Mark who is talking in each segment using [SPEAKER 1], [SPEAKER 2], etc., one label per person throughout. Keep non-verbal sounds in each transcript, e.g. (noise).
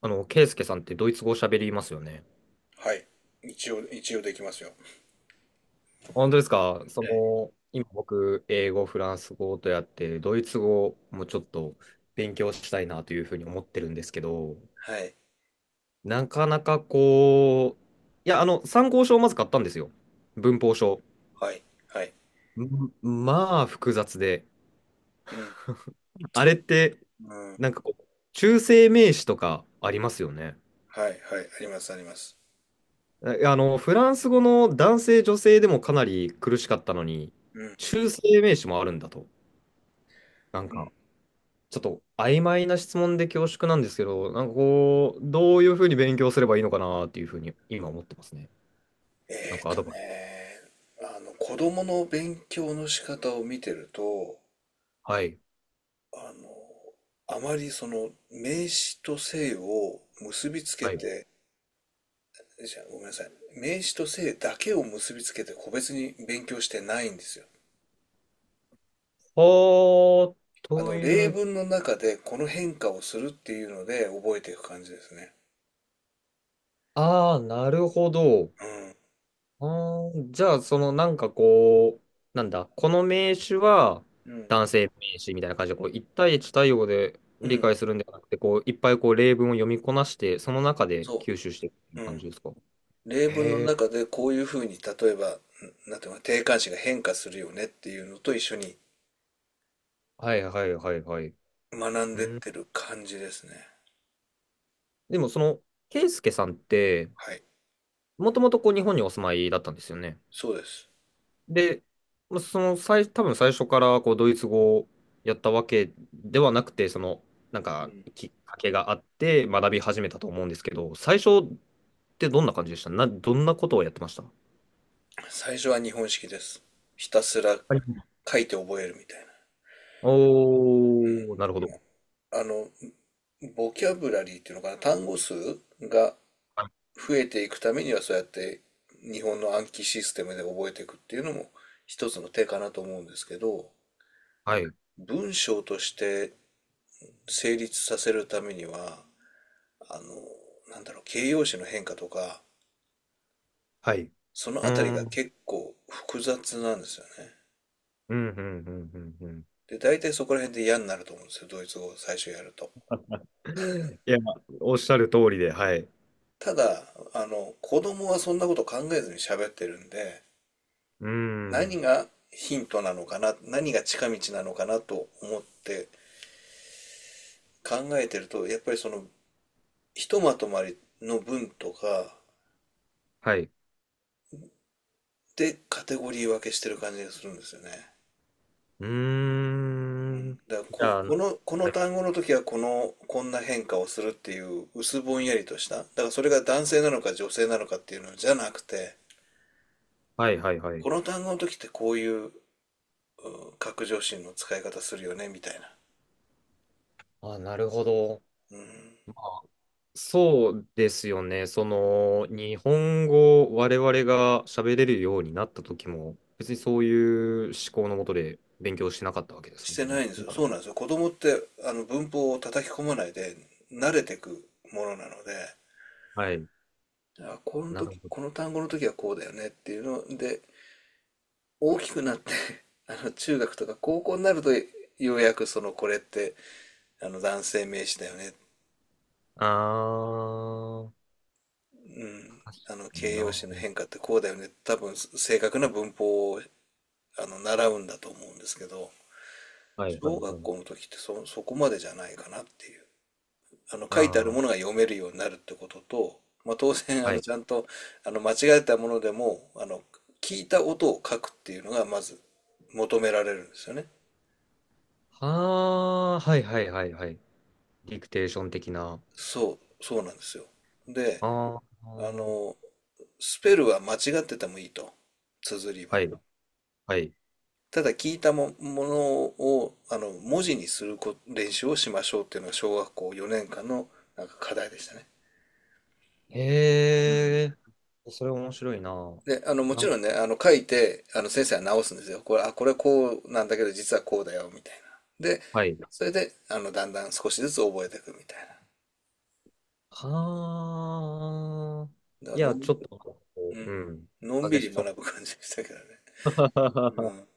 [SPEAKER 1] ケイスケさんってドイツ語喋りますよね。
[SPEAKER 2] はい。一応できますよ。
[SPEAKER 1] 本当ですか？そ
[SPEAKER 2] はい。
[SPEAKER 1] の、今僕、英語、フランス語とやって、ドイツ語もちょっと勉強したいなというふうに思ってるんですけど、なかなかこう、参考書をまず買ったんですよ。文法書。
[SPEAKER 2] はい。はい。
[SPEAKER 1] 複雑で。
[SPEAKER 2] うん。
[SPEAKER 1] あ
[SPEAKER 2] そ
[SPEAKER 1] れっ
[SPEAKER 2] う。
[SPEAKER 1] て、
[SPEAKER 2] うん。
[SPEAKER 1] なんかこう、中性名詞とかありますよね。
[SPEAKER 2] はい。はい。あります、あります。
[SPEAKER 1] フランス語の男性、女性でもかなり苦しかったのに、
[SPEAKER 2] うん。
[SPEAKER 1] 中性名詞もあるんだと。なん
[SPEAKER 2] うん。
[SPEAKER 1] か、ちょっと曖昧な質問で恐縮なんですけど、なんかこう、どういうふうに勉強すればいいのかなっていうふうに今思ってますね。なん
[SPEAKER 2] えー
[SPEAKER 1] かア
[SPEAKER 2] と
[SPEAKER 1] ドバイス。
[SPEAKER 2] ね、子供の勉強の仕方を見てると、
[SPEAKER 1] はい。
[SPEAKER 2] あの、あまりその、名詞と性を結びつけ
[SPEAKER 1] はい。
[SPEAKER 2] て、じゃあごめんなさい。名詞と性だけを結びつけて個別に勉強してないんですよ。
[SPEAKER 1] はあ、と
[SPEAKER 2] 例
[SPEAKER 1] いう、
[SPEAKER 2] 文の中でこの変化をするっていうので覚えていく感じですね。
[SPEAKER 1] ああ、なるほど。
[SPEAKER 2] うん、
[SPEAKER 1] あー、じゃあ、そのなんかこう、なんだ、この名詞は
[SPEAKER 2] うん、
[SPEAKER 1] 男性名詞みたいな感じで、こう、一対一対応で
[SPEAKER 2] う
[SPEAKER 1] 理
[SPEAKER 2] ん
[SPEAKER 1] 解するんではなくて、こう、いっぱいこう、例文を読みこなして、その中で
[SPEAKER 2] そ
[SPEAKER 1] 吸収していくってい
[SPEAKER 2] う、
[SPEAKER 1] う
[SPEAKER 2] う
[SPEAKER 1] 感
[SPEAKER 2] ん。
[SPEAKER 1] じですか？
[SPEAKER 2] 例文の
[SPEAKER 1] へ
[SPEAKER 2] 中
[SPEAKER 1] え。
[SPEAKER 2] でこういうふうに、例えば、んなんていうのか、定冠詞が変化するよねっていうのと一緒に
[SPEAKER 1] はいはいはいはい。
[SPEAKER 2] 学ん
[SPEAKER 1] う
[SPEAKER 2] でっ
[SPEAKER 1] ー、
[SPEAKER 2] てる感じですね。
[SPEAKER 1] でもその、ケイスケさんって、
[SPEAKER 2] はい、
[SPEAKER 1] もともとこう日本にお住まいだったんですよね。
[SPEAKER 2] そうです。
[SPEAKER 1] で、まあその最、多分最初からこうドイツ語をやったわけではなくて、その、なん
[SPEAKER 2] う
[SPEAKER 1] か
[SPEAKER 2] ん。
[SPEAKER 1] きっかけがあって学び始めたと思うんですけど、最初ってどんな感じでしたどんなことをやってました？は
[SPEAKER 2] 最初は日本式です。ひたすら
[SPEAKER 1] い、
[SPEAKER 2] 書いて覚えるみたいな。う
[SPEAKER 1] おー、なるほ
[SPEAKER 2] ん。
[SPEAKER 1] ど。
[SPEAKER 2] もう、あの、ボキャブラリーっていうのかな、単語数が増えていくためにはそうやって日本の暗記システムで覚えていくっていうのも一つの手かなと思うんですけど、
[SPEAKER 1] はい。
[SPEAKER 2] 文章として成立させるためには、あの、形容詞の変化とか、
[SPEAKER 1] はい。う
[SPEAKER 2] そのあたり
[SPEAKER 1] ー
[SPEAKER 2] が
[SPEAKER 1] ん。
[SPEAKER 2] 結構複雑なんですよね。
[SPEAKER 1] うん、うん、うん、うん、
[SPEAKER 2] で、大体そこら辺で嫌になると思うんですよ、ドイツ語を最初やると。
[SPEAKER 1] うん。いや、おっしゃる通りで、はい。う
[SPEAKER 2] ただ、子供はそんなこと考えずに喋ってるんで、
[SPEAKER 1] ーん。
[SPEAKER 2] 何がヒントなのかな、何が近道なのかなと思って考えてると、やっぱりその、ひとまとまりの文とか
[SPEAKER 1] はい。
[SPEAKER 2] でカテゴリー分けしてる感じがするんですよね。
[SPEAKER 1] う
[SPEAKER 2] う
[SPEAKER 1] ー
[SPEAKER 2] ん、
[SPEAKER 1] ん。
[SPEAKER 2] だから
[SPEAKER 1] じ
[SPEAKER 2] こ、
[SPEAKER 1] ゃあ、
[SPEAKER 2] こ
[SPEAKER 1] な、
[SPEAKER 2] の、この単語の時はこの、こんな変化をするっていう薄ぼんやりとした。だからそれが男性なのか女性なのかっていうのじゃなくて、
[SPEAKER 1] はいはいはい。
[SPEAKER 2] この単語の時ってこういう、拡上心の使い方するよねみたいな。
[SPEAKER 1] あ、なるほど。
[SPEAKER 2] うん。
[SPEAKER 1] そうですよね。その、日本語を我々が喋れるようになった時も、別にそういう思考のもとで勉強しなかったわけです
[SPEAKER 2] し
[SPEAKER 1] もん
[SPEAKER 2] てな
[SPEAKER 1] ね。
[SPEAKER 2] いんです
[SPEAKER 1] な、
[SPEAKER 2] よ。そうなんですよ。子供ってあの文法を叩き込まないで慣れてくものなので、
[SPEAKER 1] はい。
[SPEAKER 2] あ、この
[SPEAKER 1] なるほ
[SPEAKER 2] 時、こ
[SPEAKER 1] ど。
[SPEAKER 2] の単語の時はこうだよねっていうので、大きくなって (laughs) あの中学とか高校になるとようやくそのこれってあの男性名詞だよね。
[SPEAKER 1] あー、
[SPEAKER 2] う
[SPEAKER 1] 確
[SPEAKER 2] ん。
[SPEAKER 1] か
[SPEAKER 2] あの
[SPEAKER 1] に
[SPEAKER 2] 形容
[SPEAKER 1] な。
[SPEAKER 2] 詞の変化ってこうだよね。多分正確な文法をあの習うんだと思うんですけど、
[SPEAKER 1] はいはい
[SPEAKER 2] 小
[SPEAKER 1] は
[SPEAKER 2] 学
[SPEAKER 1] い。
[SPEAKER 2] 校の時ってそこまでじゃないかなっていう。あの
[SPEAKER 1] あ
[SPEAKER 2] 書いてある
[SPEAKER 1] ー、
[SPEAKER 2] ものが読めるようになるってことと、まあ、当然あ
[SPEAKER 1] は
[SPEAKER 2] の
[SPEAKER 1] い。
[SPEAKER 2] ちゃんとあの間違えたものでもあの聞いた音を書くっていうのがまず求められるんですよね。
[SPEAKER 1] はー、はいはいはいはい。ディクテーション的な。
[SPEAKER 2] そう、そうなんですよ。で、
[SPEAKER 1] あ
[SPEAKER 2] あ
[SPEAKER 1] ー、
[SPEAKER 2] の、スペルは間違っててもいいと、綴りは。
[SPEAKER 1] はい。はい。
[SPEAKER 2] ただ聞いたも、ものを、文字にするこ練習をしましょうっていうのが小学校4年間のなんか課題でしたね。うん。
[SPEAKER 1] へえ、それ面白いな。
[SPEAKER 2] で、も
[SPEAKER 1] な
[SPEAKER 2] ち
[SPEAKER 1] んか、
[SPEAKER 2] ろんね、書いて、先生は直すんですよ。これ、あ、これこうなんだけど、実はこうだよ、みたいな。で、
[SPEAKER 1] はい。
[SPEAKER 2] それで、だんだん少しずつ覚えていくみたい
[SPEAKER 1] はあ、
[SPEAKER 2] な。だか
[SPEAKER 1] い
[SPEAKER 2] らの
[SPEAKER 1] や、
[SPEAKER 2] ん、う
[SPEAKER 1] ちょっと、こうう
[SPEAKER 2] ん、
[SPEAKER 1] ん、
[SPEAKER 2] のん
[SPEAKER 1] アジ
[SPEAKER 2] び
[SPEAKER 1] ェス
[SPEAKER 2] り
[SPEAKER 1] ショ
[SPEAKER 2] 学ぶ
[SPEAKER 1] ン。
[SPEAKER 2] 感じでしたけどね。う
[SPEAKER 1] (laughs)
[SPEAKER 2] ん。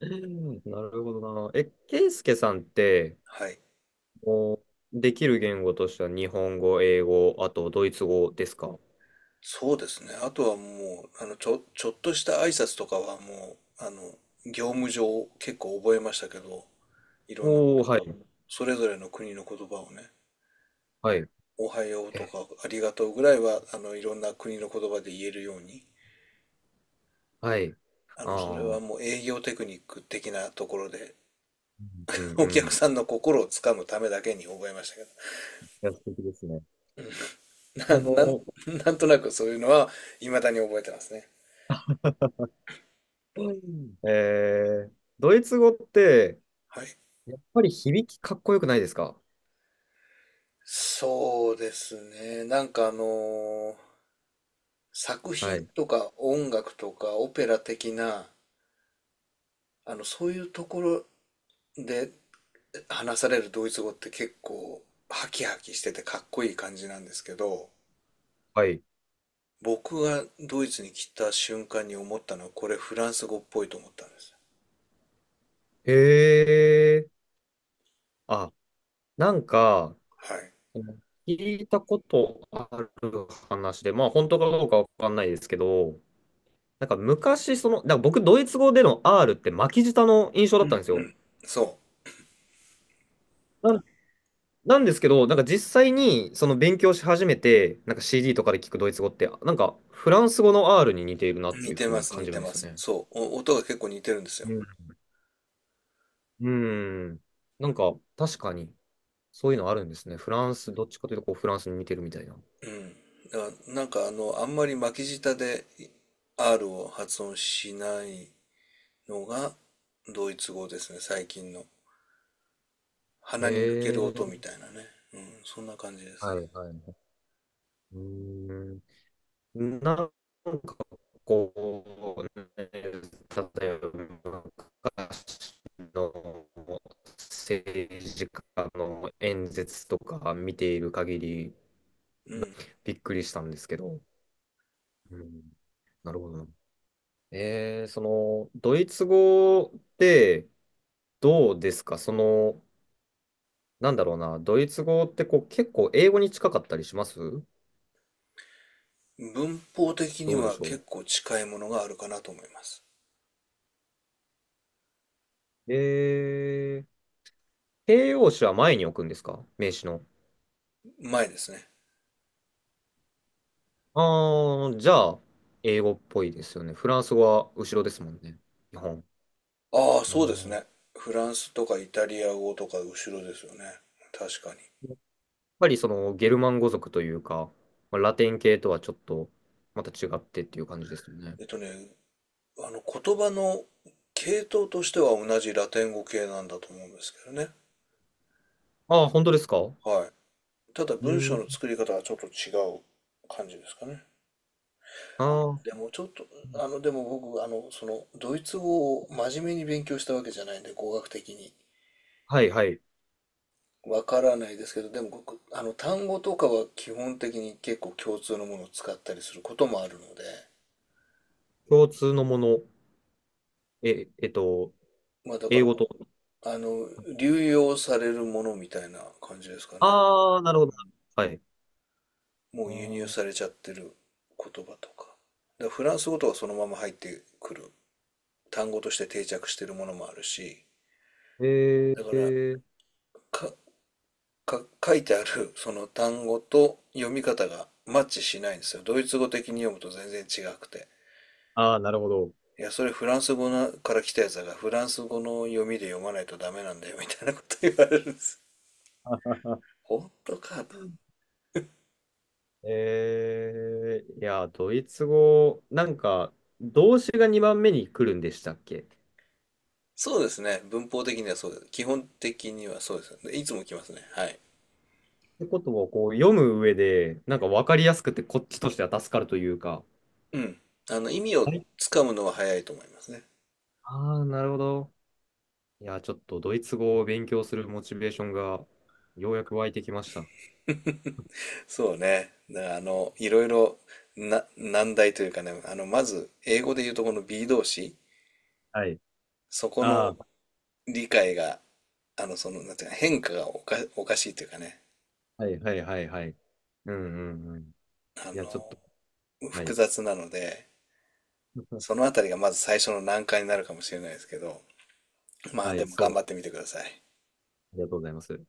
[SPEAKER 1] なるほどな。え、ケイスケさんって、
[SPEAKER 2] はい。
[SPEAKER 1] もう、できる言語としては日本語、英語、あとドイツ語ですか？
[SPEAKER 2] そうですね。あとはもう、ちょっとした挨拶とかはもう、業務上結構覚えましたけど、いろんな
[SPEAKER 1] おおー、
[SPEAKER 2] 言
[SPEAKER 1] は
[SPEAKER 2] 葉を
[SPEAKER 1] い、
[SPEAKER 2] それぞれの国の言葉をね
[SPEAKER 1] はい、
[SPEAKER 2] 「おはよう」
[SPEAKER 1] え、
[SPEAKER 2] とか「ありがとう」ぐらいはあのいろんな国の言葉で言えるように
[SPEAKER 1] はい。
[SPEAKER 2] あ
[SPEAKER 1] あ
[SPEAKER 2] のそれ
[SPEAKER 1] あ、う
[SPEAKER 2] は
[SPEAKER 1] ん、
[SPEAKER 2] もう営業テクニック的なところで
[SPEAKER 1] う
[SPEAKER 2] (laughs)
[SPEAKER 1] ん
[SPEAKER 2] お
[SPEAKER 1] うん。
[SPEAKER 2] 客
[SPEAKER 1] い
[SPEAKER 2] さんの心をつかむためだけに覚えましたけど
[SPEAKER 1] や、素敵ですね。
[SPEAKER 2] (laughs)
[SPEAKER 1] あ
[SPEAKER 2] な、なん、
[SPEAKER 1] の、
[SPEAKER 2] なんとなくそういうのは未だに覚えてますね。
[SPEAKER 1] うん、えー、ドイツ語って、
[SPEAKER 2] はい。
[SPEAKER 1] やっぱり響きかっこよくないですか？
[SPEAKER 2] そうですね。なんかあの作
[SPEAKER 1] は
[SPEAKER 2] 品
[SPEAKER 1] い。
[SPEAKER 2] とか音楽とかオペラ的な、そういうところで話されるドイツ語って結構ハキハキしててかっこいい感じなんですけど、
[SPEAKER 1] はい。
[SPEAKER 2] 僕がドイツに来た瞬間に思ったのはこれフランス語っぽいと思ったんです。
[SPEAKER 1] へえ。あ、なんか、
[SPEAKER 2] はい。
[SPEAKER 1] 聞いたことある話で、まあ本当かどうかわかんないですけど、なんか昔、その、なんか僕、ドイツ語での R って巻き舌の印象だ
[SPEAKER 2] う
[SPEAKER 1] ったん
[SPEAKER 2] ん。
[SPEAKER 1] ですよ。
[SPEAKER 2] そ
[SPEAKER 1] なんなんですけど、なんか実際にその勉強し始めて、なんか CD とかで聞くドイツ語って、なんかフランス語の R に似ているな
[SPEAKER 2] う。
[SPEAKER 1] ってい
[SPEAKER 2] 似
[SPEAKER 1] う
[SPEAKER 2] て
[SPEAKER 1] ふう
[SPEAKER 2] ま
[SPEAKER 1] に
[SPEAKER 2] す、
[SPEAKER 1] 感
[SPEAKER 2] 似
[SPEAKER 1] じる
[SPEAKER 2] て
[SPEAKER 1] んです
[SPEAKER 2] ま
[SPEAKER 1] よ
[SPEAKER 2] す。
[SPEAKER 1] ね。
[SPEAKER 2] そう。お音が結構似てるんですよ。
[SPEAKER 1] うん。うん。なんか確かに。そういうのあるんですね。フランス、どっちかというとこうフランスに似てるみたいな。
[SPEAKER 2] うん。だからなんかあの、あんまり巻き舌で R を発音しないのがドイツ語ですね、最近の。鼻に抜ける
[SPEAKER 1] え
[SPEAKER 2] 音み
[SPEAKER 1] え、
[SPEAKER 2] たいなね。うん、そんな感じです
[SPEAKER 1] はい
[SPEAKER 2] ね。
[SPEAKER 1] はい。うーん。なんかこ例えば昔の政治家の演説とか見ている限り
[SPEAKER 2] うん。
[SPEAKER 1] びっくりしたんですけど。うん、なるほどな。えー、その、ドイツ語ってどうですか？その、なんだろうな、ドイツ語ってこう結構英語に近かったりします？
[SPEAKER 2] 文法的に
[SPEAKER 1] どうで
[SPEAKER 2] は
[SPEAKER 1] しょ
[SPEAKER 2] 結構近いものがあるかなと思います。
[SPEAKER 1] う、えー、形容詞は前に置くんですか名詞の？
[SPEAKER 2] 前ですね。
[SPEAKER 1] あー、じゃあ、英語っぽいですよね。フランス語は後ろですもんね。日本。
[SPEAKER 2] ああ、
[SPEAKER 1] う
[SPEAKER 2] そうです
[SPEAKER 1] ん。
[SPEAKER 2] ね。フランスとかイタリア語とか後ろですよね。確かに。
[SPEAKER 1] やっぱりそのゲルマン語族というか、まあラテン系とはちょっとまた違ってっていう感じですよね。
[SPEAKER 2] えっとね、言葉の系統としては同じラテン語系なんだと思うんですけどね。
[SPEAKER 1] ああ、本当ですか？
[SPEAKER 2] はい。ただ
[SPEAKER 1] う
[SPEAKER 2] 文章
[SPEAKER 1] ん。
[SPEAKER 2] の作り方はちょっと違う感じですかね。
[SPEAKER 1] あ
[SPEAKER 2] あ、
[SPEAKER 1] あ、
[SPEAKER 2] でもちょっと、あの、でも僕、あの、その、ドイツ語を真面目に勉強したわけじゃないんで、語学的に。
[SPEAKER 1] はいはい。
[SPEAKER 2] わからないですけど、でも僕あの単語とかは基本的に結構共通のものを使ったりすることもあるので、
[SPEAKER 1] 共通のもの。え、えっと、
[SPEAKER 2] まあだか
[SPEAKER 1] 英
[SPEAKER 2] ら、
[SPEAKER 1] 語と。
[SPEAKER 2] あの、流用されるものみたいな感じですかね。
[SPEAKER 1] ああ、なるほど。はい。
[SPEAKER 2] も
[SPEAKER 1] あ
[SPEAKER 2] う輸入
[SPEAKER 1] ー、
[SPEAKER 2] されちゃってる言葉とか。だからフランス語とかそのまま入ってくる単語として定着してるものもあるし、
[SPEAKER 1] え
[SPEAKER 2] だから
[SPEAKER 1] ー、
[SPEAKER 2] か、書いてあるその単語と読み方がマッチしないんですよ。ドイツ語的に読むと全然違くて。
[SPEAKER 1] ああ、なるほど。
[SPEAKER 2] いや、それフランス語なから来たやつだから、フランス語の読みで読まないとダメなんだよ、みたいなこと言われるんです。本当かと。
[SPEAKER 1] (laughs) えー、いや、ドイツ語、なんか、動詞が2番目に来るんでしたっけ？っ
[SPEAKER 2] そうですね。文法的にはそうです。基本的にはそうです。でいつも来ますね。はい。
[SPEAKER 1] てことをこう読む上で、なんか分かりやすくて、こっちとしては助かるというか。
[SPEAKER 2] うん。意味を
[SPEAKER 1] はい。
[SPEAKER 2] つかむのは早いと思いますね。
[SPEAKER 1] ああ、なるほど。いや、ちょっとドイツ語を勉強するモチベーションが、ようやく湧いてきました。
[SPEAKER 2] そうね。だからあの、いろいろな、難題というかね、まず、英語で言うとこの B 動詞、
[SPEAKER 1] はい。
[SPEAKER 2] そこの
[SPEAKER 1] ああ、
[SPEAKER 2] 理解が、あの、その、なんていうか、変化がおかしいというかね、
[SPEAKER 1] はいはいはいはい。うんうんうん。
[SPEAKER 2] あ
[SPEAKER 1] いや、ちょっ
[SPEAKER 2] の、
[SPEAKER 1] と、は
[SPEAKER 2] 複
[SPEAKER 1] い。
[SPEAKER 2] 雑なので、そ
[SPEAKER 1] (laughs)
[SPEAKER 2] のあたりがまず最初の難関になるかもしれないですけど、まあ
[SPEAKER 1] は
[SPEAKER 2] で
[SPEAKER 1] い、
[SPEAKER 2] も
[SPEAKER 1] そ
[SPEAKER 2] 頑
[SPEAKER 1] う。
[SPEAKER 2] 張ってみてください。
[SPEAKER 1] ありがとうございます。